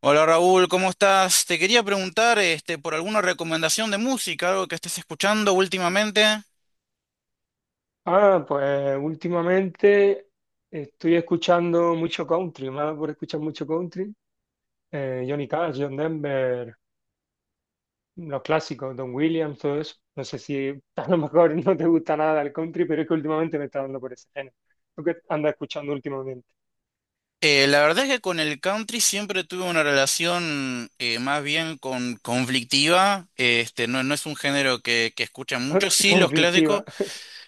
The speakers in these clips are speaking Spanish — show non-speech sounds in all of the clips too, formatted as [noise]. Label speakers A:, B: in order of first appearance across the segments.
A: Hola Raúl, ¿cómo estás? Te quería preguntar por alguna recomendación de música, algo que estés escuchando últimamente.
B: Pues últimamente estoy escuchando mucho country, más por escuchar mucho country. Johnny Cash, John Denver, los clásicos, Don Williams, todo eso. No sé si [laughs] a lo mejor no te gusta nada el country, pero es que últimamente me está dando por ese género. Lo que anda escuchando últimamente.
A: La verdad es que con el country siempre tuve una relación más bien con conflictiva. No, no es un género que escuchan mucho,
B: [laughs]
A: sí los clásicos.
B: Conflictiva.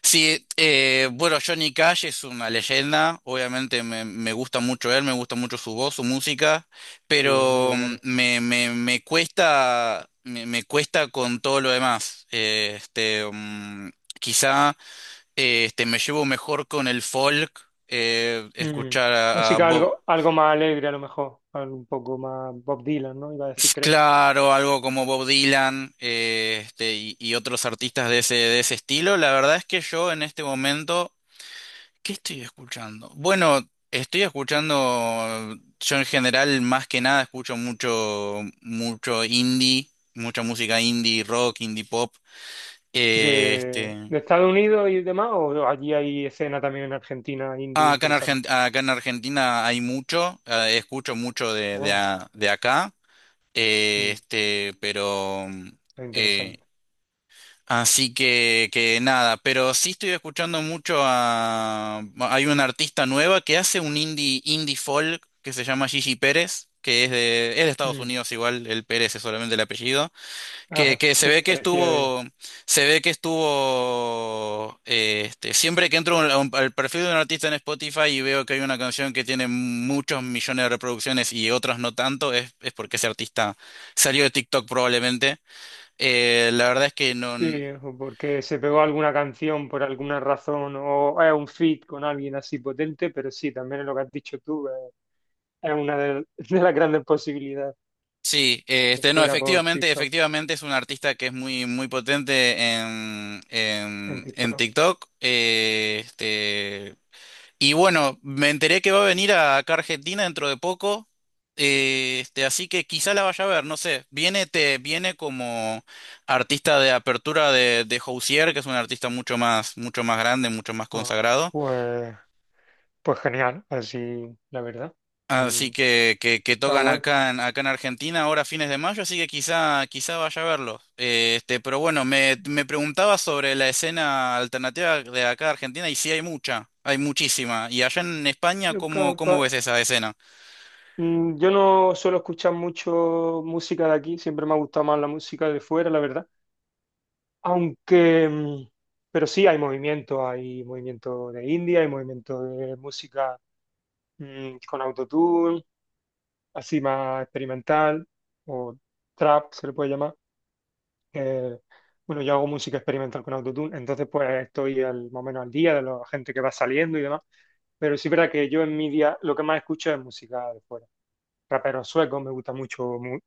A: Sí, bueno, Johnny Cash es una leyenda, obviamente me gusta mucho él, me gusta mucho su voz, su música,
B: Sí, muy
A: pero
B: bueno.
A: me cuesta, me cuesta con todo lo demás. Quizá me llevo mejor con el folk,
B: Mm.
A: escuchar a
B: Música
A: Bob,
B: algo más alegre a lo mejor, algo un poco más Bob Dylan, ¿no? Iba a decir, creo.
A: claro, algo como Bob Dylan. Y otros artistas de ese, estilo. La verdad es que yo en este momento, ¿qué estoy escuchando? Bueno, estoy escuchando. Yo en general más que nada escucho mucho, mucho indie, mucha música indie, rock, indie pop. Eh,
B: de,
A: este,
B: de Estados Unidos y demás, o allí hay escena también en Argentina indie
A: ah, acá en
B: interesante.
A: Acá en Argentina hay mucho, escucho mucho
B: Ah,
A: de acá, eh,
B: mm,
A: este, pero
B: es
A: eh,
B: interesante.
A: así que nada, pero sí estoy escuchando mucho a, bueno, hay una artista nueva que hace un indie, indie folk que se llama Gigi Pérez, que es de Estados
B: Mm,
A: Unidos igual, el Pérez es solamente el apellido, que,
B: ajá,
A: que
B: [laughs] parecía de.
A: se ve que estuvo. Siempre que entro a al perfil de un artista en Spotify y veo que hay una canción que tiene muchos millones de reproducciones y otras no tanto, es porque ese artista salió de TikTok probablemente. La verdad es que no.
B: Sí, o porque se pegó alguna canción por alguna razón o es un feat con alguien así potente, pero sí, también es lo que has dicho tú, es una de, [laughs] de las grandes posibilidades
A: Sí,
B: que
A: no,
B: fuera por
A: efectivamente,
B: TikTok,
A: efectivamente es un artista que es muy, muy potente en,
B: en
A: en, en
B: TikTok.
A: TikTok. Y bueno, me enteré que va a venir acá a Argentina dentro de poco. Así que quizá la vaya a ver, no sé. Viene como artista de apertura de Housier, que es un artista mucho más grande, mucho más
B: Ah,
A: consagrado.
B: pues, pues genial, así la verdad.
A: Así
B: Mm,
A: que
B: está
A: tocan
B: guay.
A: acá en Argentina ahora a fines de mayo, así que quizá, quizá vaya a verlos. Pero bueno, me preguntaba sobre la escena alternativa de acá de Argentina, y sí hay mucha, hay muchísima. ¿Y allá en España
B: Yo
A: cómo
B: capaz.
A: ves esa escena?
B: Mm, yo no suelo escuchar mucho música de aquí, siempre me ha gustado más la música de fuera, la verdad. Aunque, mm, pero sí hay movimiento de India, hay movimiento de música con autotune, así más experimental, o trap se le puede llamar. Eh, bueno, yo hago música experimental con autotune, entonces pues estoy al, más o menos al día de la gente que va saliendo y demás. Pero sí es verdad que yo en mi día lo que más escucho es música de fuera. Raperos suecos, me gusta mucho mu-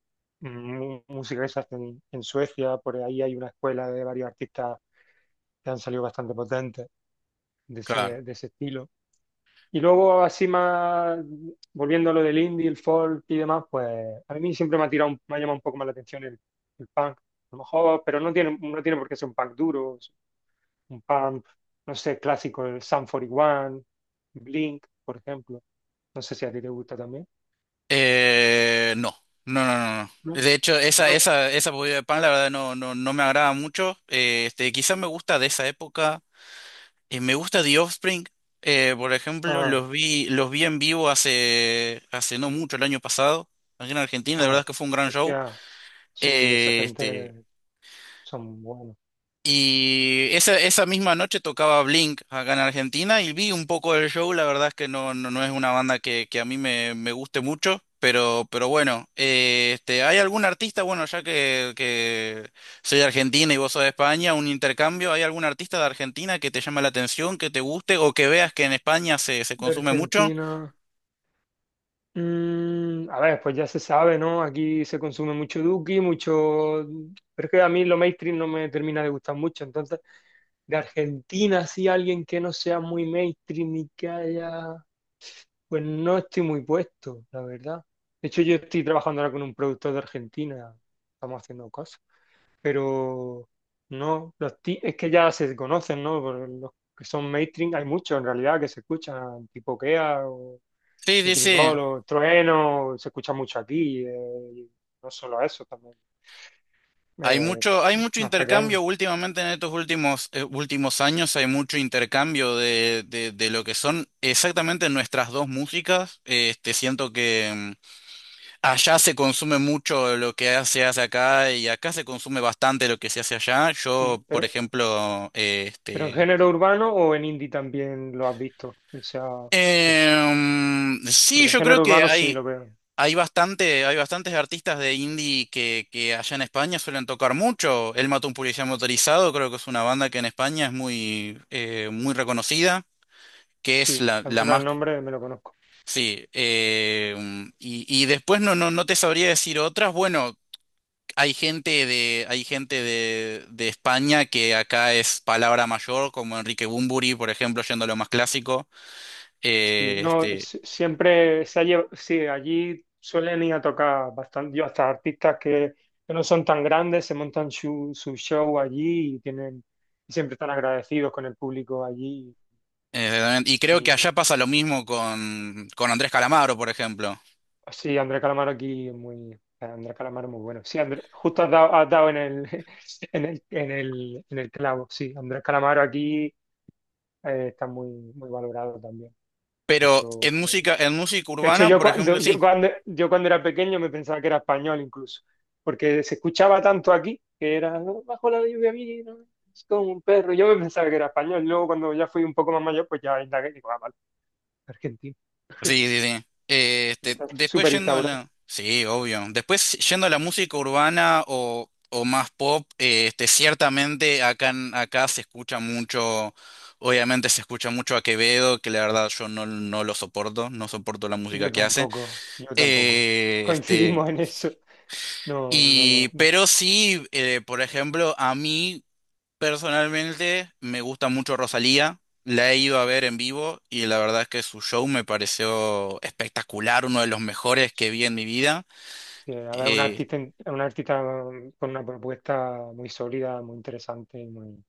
B: mu- música que se hace en Suecia, por ahí hay una escuela de varios artistas que han salido bastante potentes
A: Claro.
B: de ese estilo. Y luego, así más, volviendo a lo del indie, el folk y demás, pues a mí siempre me ha tirado, un- me ha llamado un poco más la atención el punk, a lo mejor, pero no tiene, no tiene por qué ser un punk duro, es un punk, no sé, clásico, el Sum 41, Blink, por ejemplo. No sé si a ti te gusta también,
A: No, no, no, no. No.
B: ¿no?
A: De hecho, esa,
B: Rock.
A: esa, esa podrida de pan, la verdad, no, no me agrada mucho. Quizá me gusta de esa época. Me gusta The Offspring. Por ejemplo, los
B: Ah,
A: vi, los vi en vivo hace no mucho, el año pasado, aquí en Argentina. La verdad
B: ah.
A: es que fue un gran show.
B: Hostia, sí, esa
A: Eh, este,
B: gente son buenos.
A: y esa misma noche tocaba Blink acá en Argentina, y vi un poco del show. La verdad es que no, no es una banda que a mí me guste mucho, pero bueno, ¿hay algún artista? Bueno, ya que soy de Argentina y vos sos de España, un intercambio. ¿Hay algún artista de Argentina que te llame la atención, que te guste o que veas que en España se
B: De
A: consume mucho?
B: Argentina. Mm, a ver, pues ya se sabe, ¿no? Aquí se consume mucho Duki, mucho. Pero es que a mí lo mainstream no me termina de gustar mucho. Entonces, de Argentina, sí, alguien que no sea muy mainstream y que haya. Pues no estoy muy puesto, la verdad. De hecho, yo estoy trabajando ahora con un productor de Argentina. Estamos haciendo cosas. Pero no, los ti- es que ya se conocen, ¿no? Por los que son mainstream, hay muchos en realidad que se escuchan, tipo Kea o
A: Sí, sí,
B: Nicky
A: sí.
B: Nicole o Trueno, se escucha mucho aquí, y no solo eso, también eh,
A: Hay mucho
B: más
A: intercambio
B: pequeño,
A: últimamente en estos últimos años, hay mucho intercambio de lo que son exactamente nuestras dos músicas. Siento que allá se consume mucho lo que se hace acá, y acá se consume bastante lo que se hace allá.
B: sí,
A: Yo, por ejemplo,
B: pero en género urbano o en indie también lo has visto, o sea, eso,
A: sí,
B: porque en
A: yo creo
B: género
A: que
B: urbano sí
A: hay.
B: lo veo,
A: Hay bastante, hay bastantes artistas de indie que allá en España suelen tocar mucho. Él mató a un policía motorizado, creo que es una banda que en España es muy reconocida, que es
B: sí,
A: la,
B: al
A: la
B: menos
A: más.
B: el nombre me lo conozco.
A: Sí, y después no, no te sabría decir otras. Bueno, hay gente de España que acá es palabra mayor, como Enrique Bunbury, por ejemplo, yendo a lo más clásico.
B: Sí,
A: Eh,
B: no,
A: este,
B: si- siempre se ha llevado, sí, allí suelen ir a tocar bastante, yo hasta artistas que no son tan grandes, se montan su, su show allí y tienen, y siempre están agradecidos con el público allí.
A: Exactamente. Y creo que
B: Y
A: allá pasa lo mismo con Andrés Calamaro, por ejemplo.
B: sí, Andrés Calamaro aquí es muy, Andrés Calamaro es muy bueno. Sí, Andrés, justo has dado en el, [laughs] en el, en el, en el clavo, sí, Andrés Calamaro aquí está muy, muy valorado también. De
A: Pero
B: hecho,
A: en música
B: De hecho,
A: urbana,
B: yo
A: por ejemplo,
B: cuando, yo
A: sí.
B: cuando, yo cuando era pequeño me pensaba que era español incluso, porque se escuchaba tanto aquí que era "No, bajo la lluvia mira, es como un perro". Yo me pensaba que era español. Luego cuando ya fui un poco más mayor, pues ya indagué y digo, ah, vale, argentino.
A: Sí, sí, sí.
B: Pero está
A: Después
B: súper
A: yendo a
B: instaurado.
A: la. Sí, obvio. Después yendo a la música urbana o más pop, ciertamente acá, acá se escucha mucho. Obviamente se escucha mucho a Quevedo, que la verdad yo no lo soporto, no soporto la música
B: Yo
A: que hace.
B: tampoco, yo tampoco.
A: Eh, este,
B: Coincidimos en eso. No, no, no.
A: pero sí, por ejemplo, a mí. Personalmente me gusta mucho Rosalía, la he ido a ver en vivo y la verdad es que su show me pareció espectacular, uno de los mejores que vi en mi vida.
B: Sí, a ver, un
A: Eh,
B: artista, es un artista con una propuesta muy sólida, muy interesante, muy...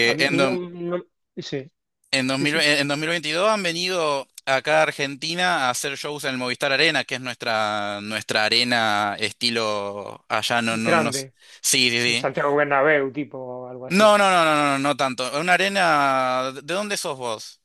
B: A
A: eh,
B: mí no,
A: en,
B: no- Sí,
A: do- en,
B: sí,
A: 2000
B: sí.
A: En 2022 han venido acá a Argentina a hacer shows en el Movistar Arena, que es nuestra arena estilo allá, no, no, no.
B: Grande.
A: Sí, sí, sí.
B: Santiago Bernabéu, tipo, algo
A: No,
B: así.
A: no, no, no, no, no, no tanto. Una arena, ¿de dónde sos vos?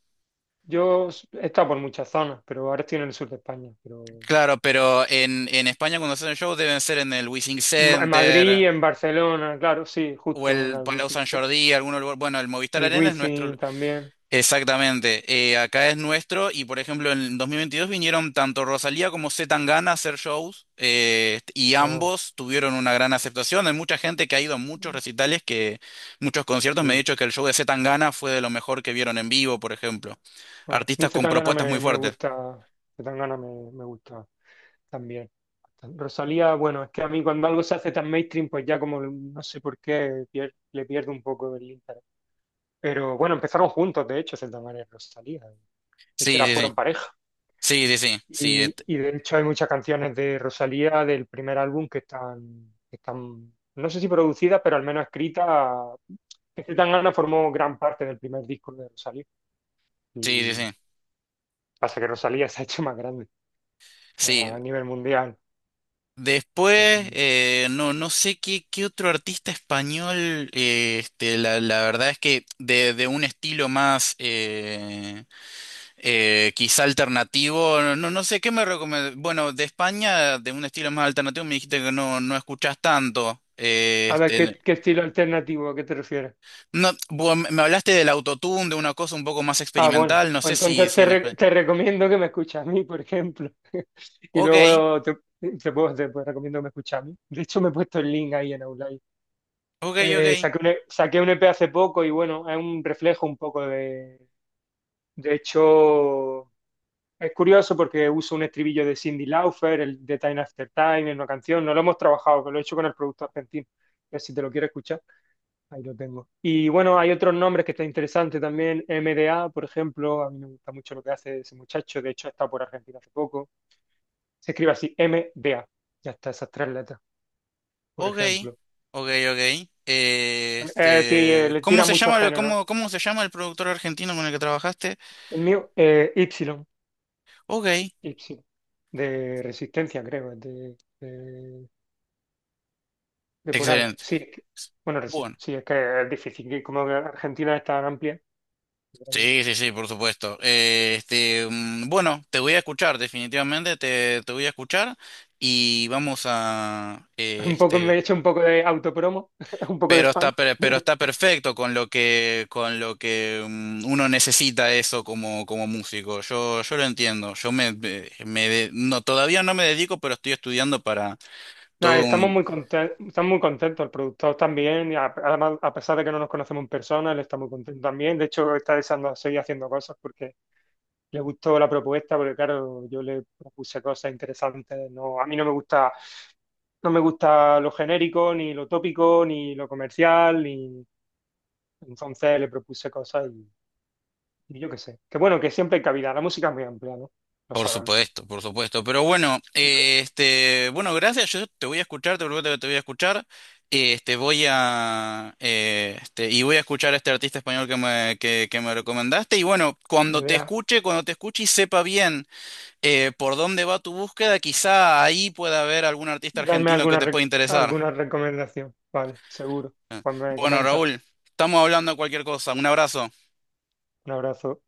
B: Yo s- he estado por muchas zonas, pero ahora estoy en el sur de España. Pero
A: Claro, pero en España cuando hacen shows deben ser en el Wishing
B: Ma- en Madrid,
A: Center
B: en Barcelona, claro, sí,
A: o
B: justo,
A: el
B: la
A: Palau
B: Wizzing-
A: San Jordi, algún lugar. Bueno, el Movistar
B: el
A: Arena es nuestro.
B: Wizzing también.
A: Exactamente. Acá es nuestro y por ejemplo en 2022 vinieron tanto Rosalía como C. Tangana a hacer shows, y
B: Oh,
A: ambos tuvieron una gran aceptación. Hay mucha gente que ha ido a muchos recitales, que muchos conciertos me ha
B: sí.
A: dicho que el show de C. Tangana fue de lo mejor que vieron en vivo, por ejemplo.
B: Oh. Mi
A: Artistas con
B: Zetangana
A: propuestas muy
B: me
A: fuertes.
B: gusta, Zetangana me gusta también. Rosalía, bueno, es que a mí cuando algo se hace tan mainstream, pues ya como no sé por qué pier- le pierdo un poco el interés. Pero bueno, empezaron juntos, de hecho, Zetangana y Rosalía. De hecho,
A: Sí,
B: era,
A: sí,
B: fueron
A: sí.
B: pareja.
A: Sí, sí, sí. Sí,
B: Y de hecho hay muchas canciones de Rosalía del primer álbum que están, no sé si producidas, pero al menos escritas. Este Tangana formó gran parte del primer disco de Rosalía.
A: sí, sí,
B: Y
A: sí.
B: pasa que Rosalía se ha hecho más grande
A: Sí,
B: a nivel mundial.
A: después, no, no sé qué otro artista español, la verdad es que de un estilo más quizá alternativo, no, no sé qué me recomiendas. Bueno, de España, de un estilo más alternativo, me dijiste que no escuchás tanto.
B: A ver, ¿qué, qué estilo alternativo a qué te refieres?
A: No, vos me hablaste del autotune, de una cosa un poco más
B: Ah, bueno,
A: experimental, no
B: pues
A: sé si,
B: entonces
A: si
B: te,
A: en
B: re-
A: España.
B: te recomiendo que me escuches a mí, por ejemplo. [laughs] Y
A: Ok,
B: luego te, te puedo- recomiendo que me escuches a mí. De hecho, me he puesto el link ahí en Outline.
A: ok, ok.
B: Saqué un, E- saqué un EP hace poco y bueno, es un reflejo un poco de... De hecho, es curioso porque uso un estribillo de Cindy Lauper, el de Time After Time, en una canción. No lo hemos trabajado, pero lo he hecho con el producto argentino. Si te lo quieres escuchar, ahí lo tengo. Y bueno, hay otros nombres que está interesante también. MDA, por ejemplo, a mí me gusta mucho lo que hace ese muchacho. De hecho, ha estado por Argentina hace poco. Se escribe así, MDA. Ya está, esas tres letras, por
A: Ok,
B: ejemplo.
A: ok, ok.
B: Le
A: ¿Cómo
B: tira
A: se
B: muchos
A: llama, lo-
B: géneros.
A: cómo, cómo se llama el productor argentino con el que trabajaste?
B: El mío, y.
A: Ok,
B: Gypsy, de Resistencia, creo, es de por ahí.
A: excelente.
B: Sí, es que- bueno, resi-
A: Bueno,
B: sí, es que es difícil, que como que Argentina es tan amplia. Grande.
A: sí, sí, sí, por supuesto. Bueno, te voy a escuchar, definitivamente te voy a escuchar, y vamos a.
B: [laughs] Un poco, me he hecho un poco de autopromo, [laughs] un poco de
A: Pero está,
B: spam.
A: per- pero está
B: [laughs]
A: perfecto con lo que uno necesita eso como músico. Yo lo entiendo. Yo me, me, me de- No, todavía no me dedico, pero estoy estudiando.
B: Nada,
A: Todo un,
B: estamos muy contentos, el productor también, y a- además, a pesar de que no nos conocemos en persona, él está muy contento también, de hecho está deseando seguir haciendo cosas porque... le gustó la propuesta porque, claro, yo le propuse cosas interesantes. No, a mí no me gusta, no me gusta lo genérico, ni lo tópico, ni lo comercial, ni... Entonces le propuse cosas y yo qué sé. Que bueno, que siempre hay cabida. La música es muy amplia, ¿no? Lo
A: por
B: saben.
A: supuesto, por supuesto. Pero bueno,
B: Y tú,
A: bueno, gracias. Yo te voy a escuchar, te prometo que te voy a escuchar. Voy a escuchar a este artista español que me recomendaste. Y bueno,
B: en verdad,
A: cuando te escuche y sepa bien por dónde va tu búsqueda, quizá ahí pueda haber algún artista
B: darme
A: argentino que
B: alguna,
A: te pueda
B: re-
A: interesar.
B: alguna recomendación. Vale, seguro.
A: Eh,
B: Pues me
A: Bueno,
B: comenta.
A: Raúl, estamos hablando de cualquier cosa. Un abrazo.
B: Un abrazo.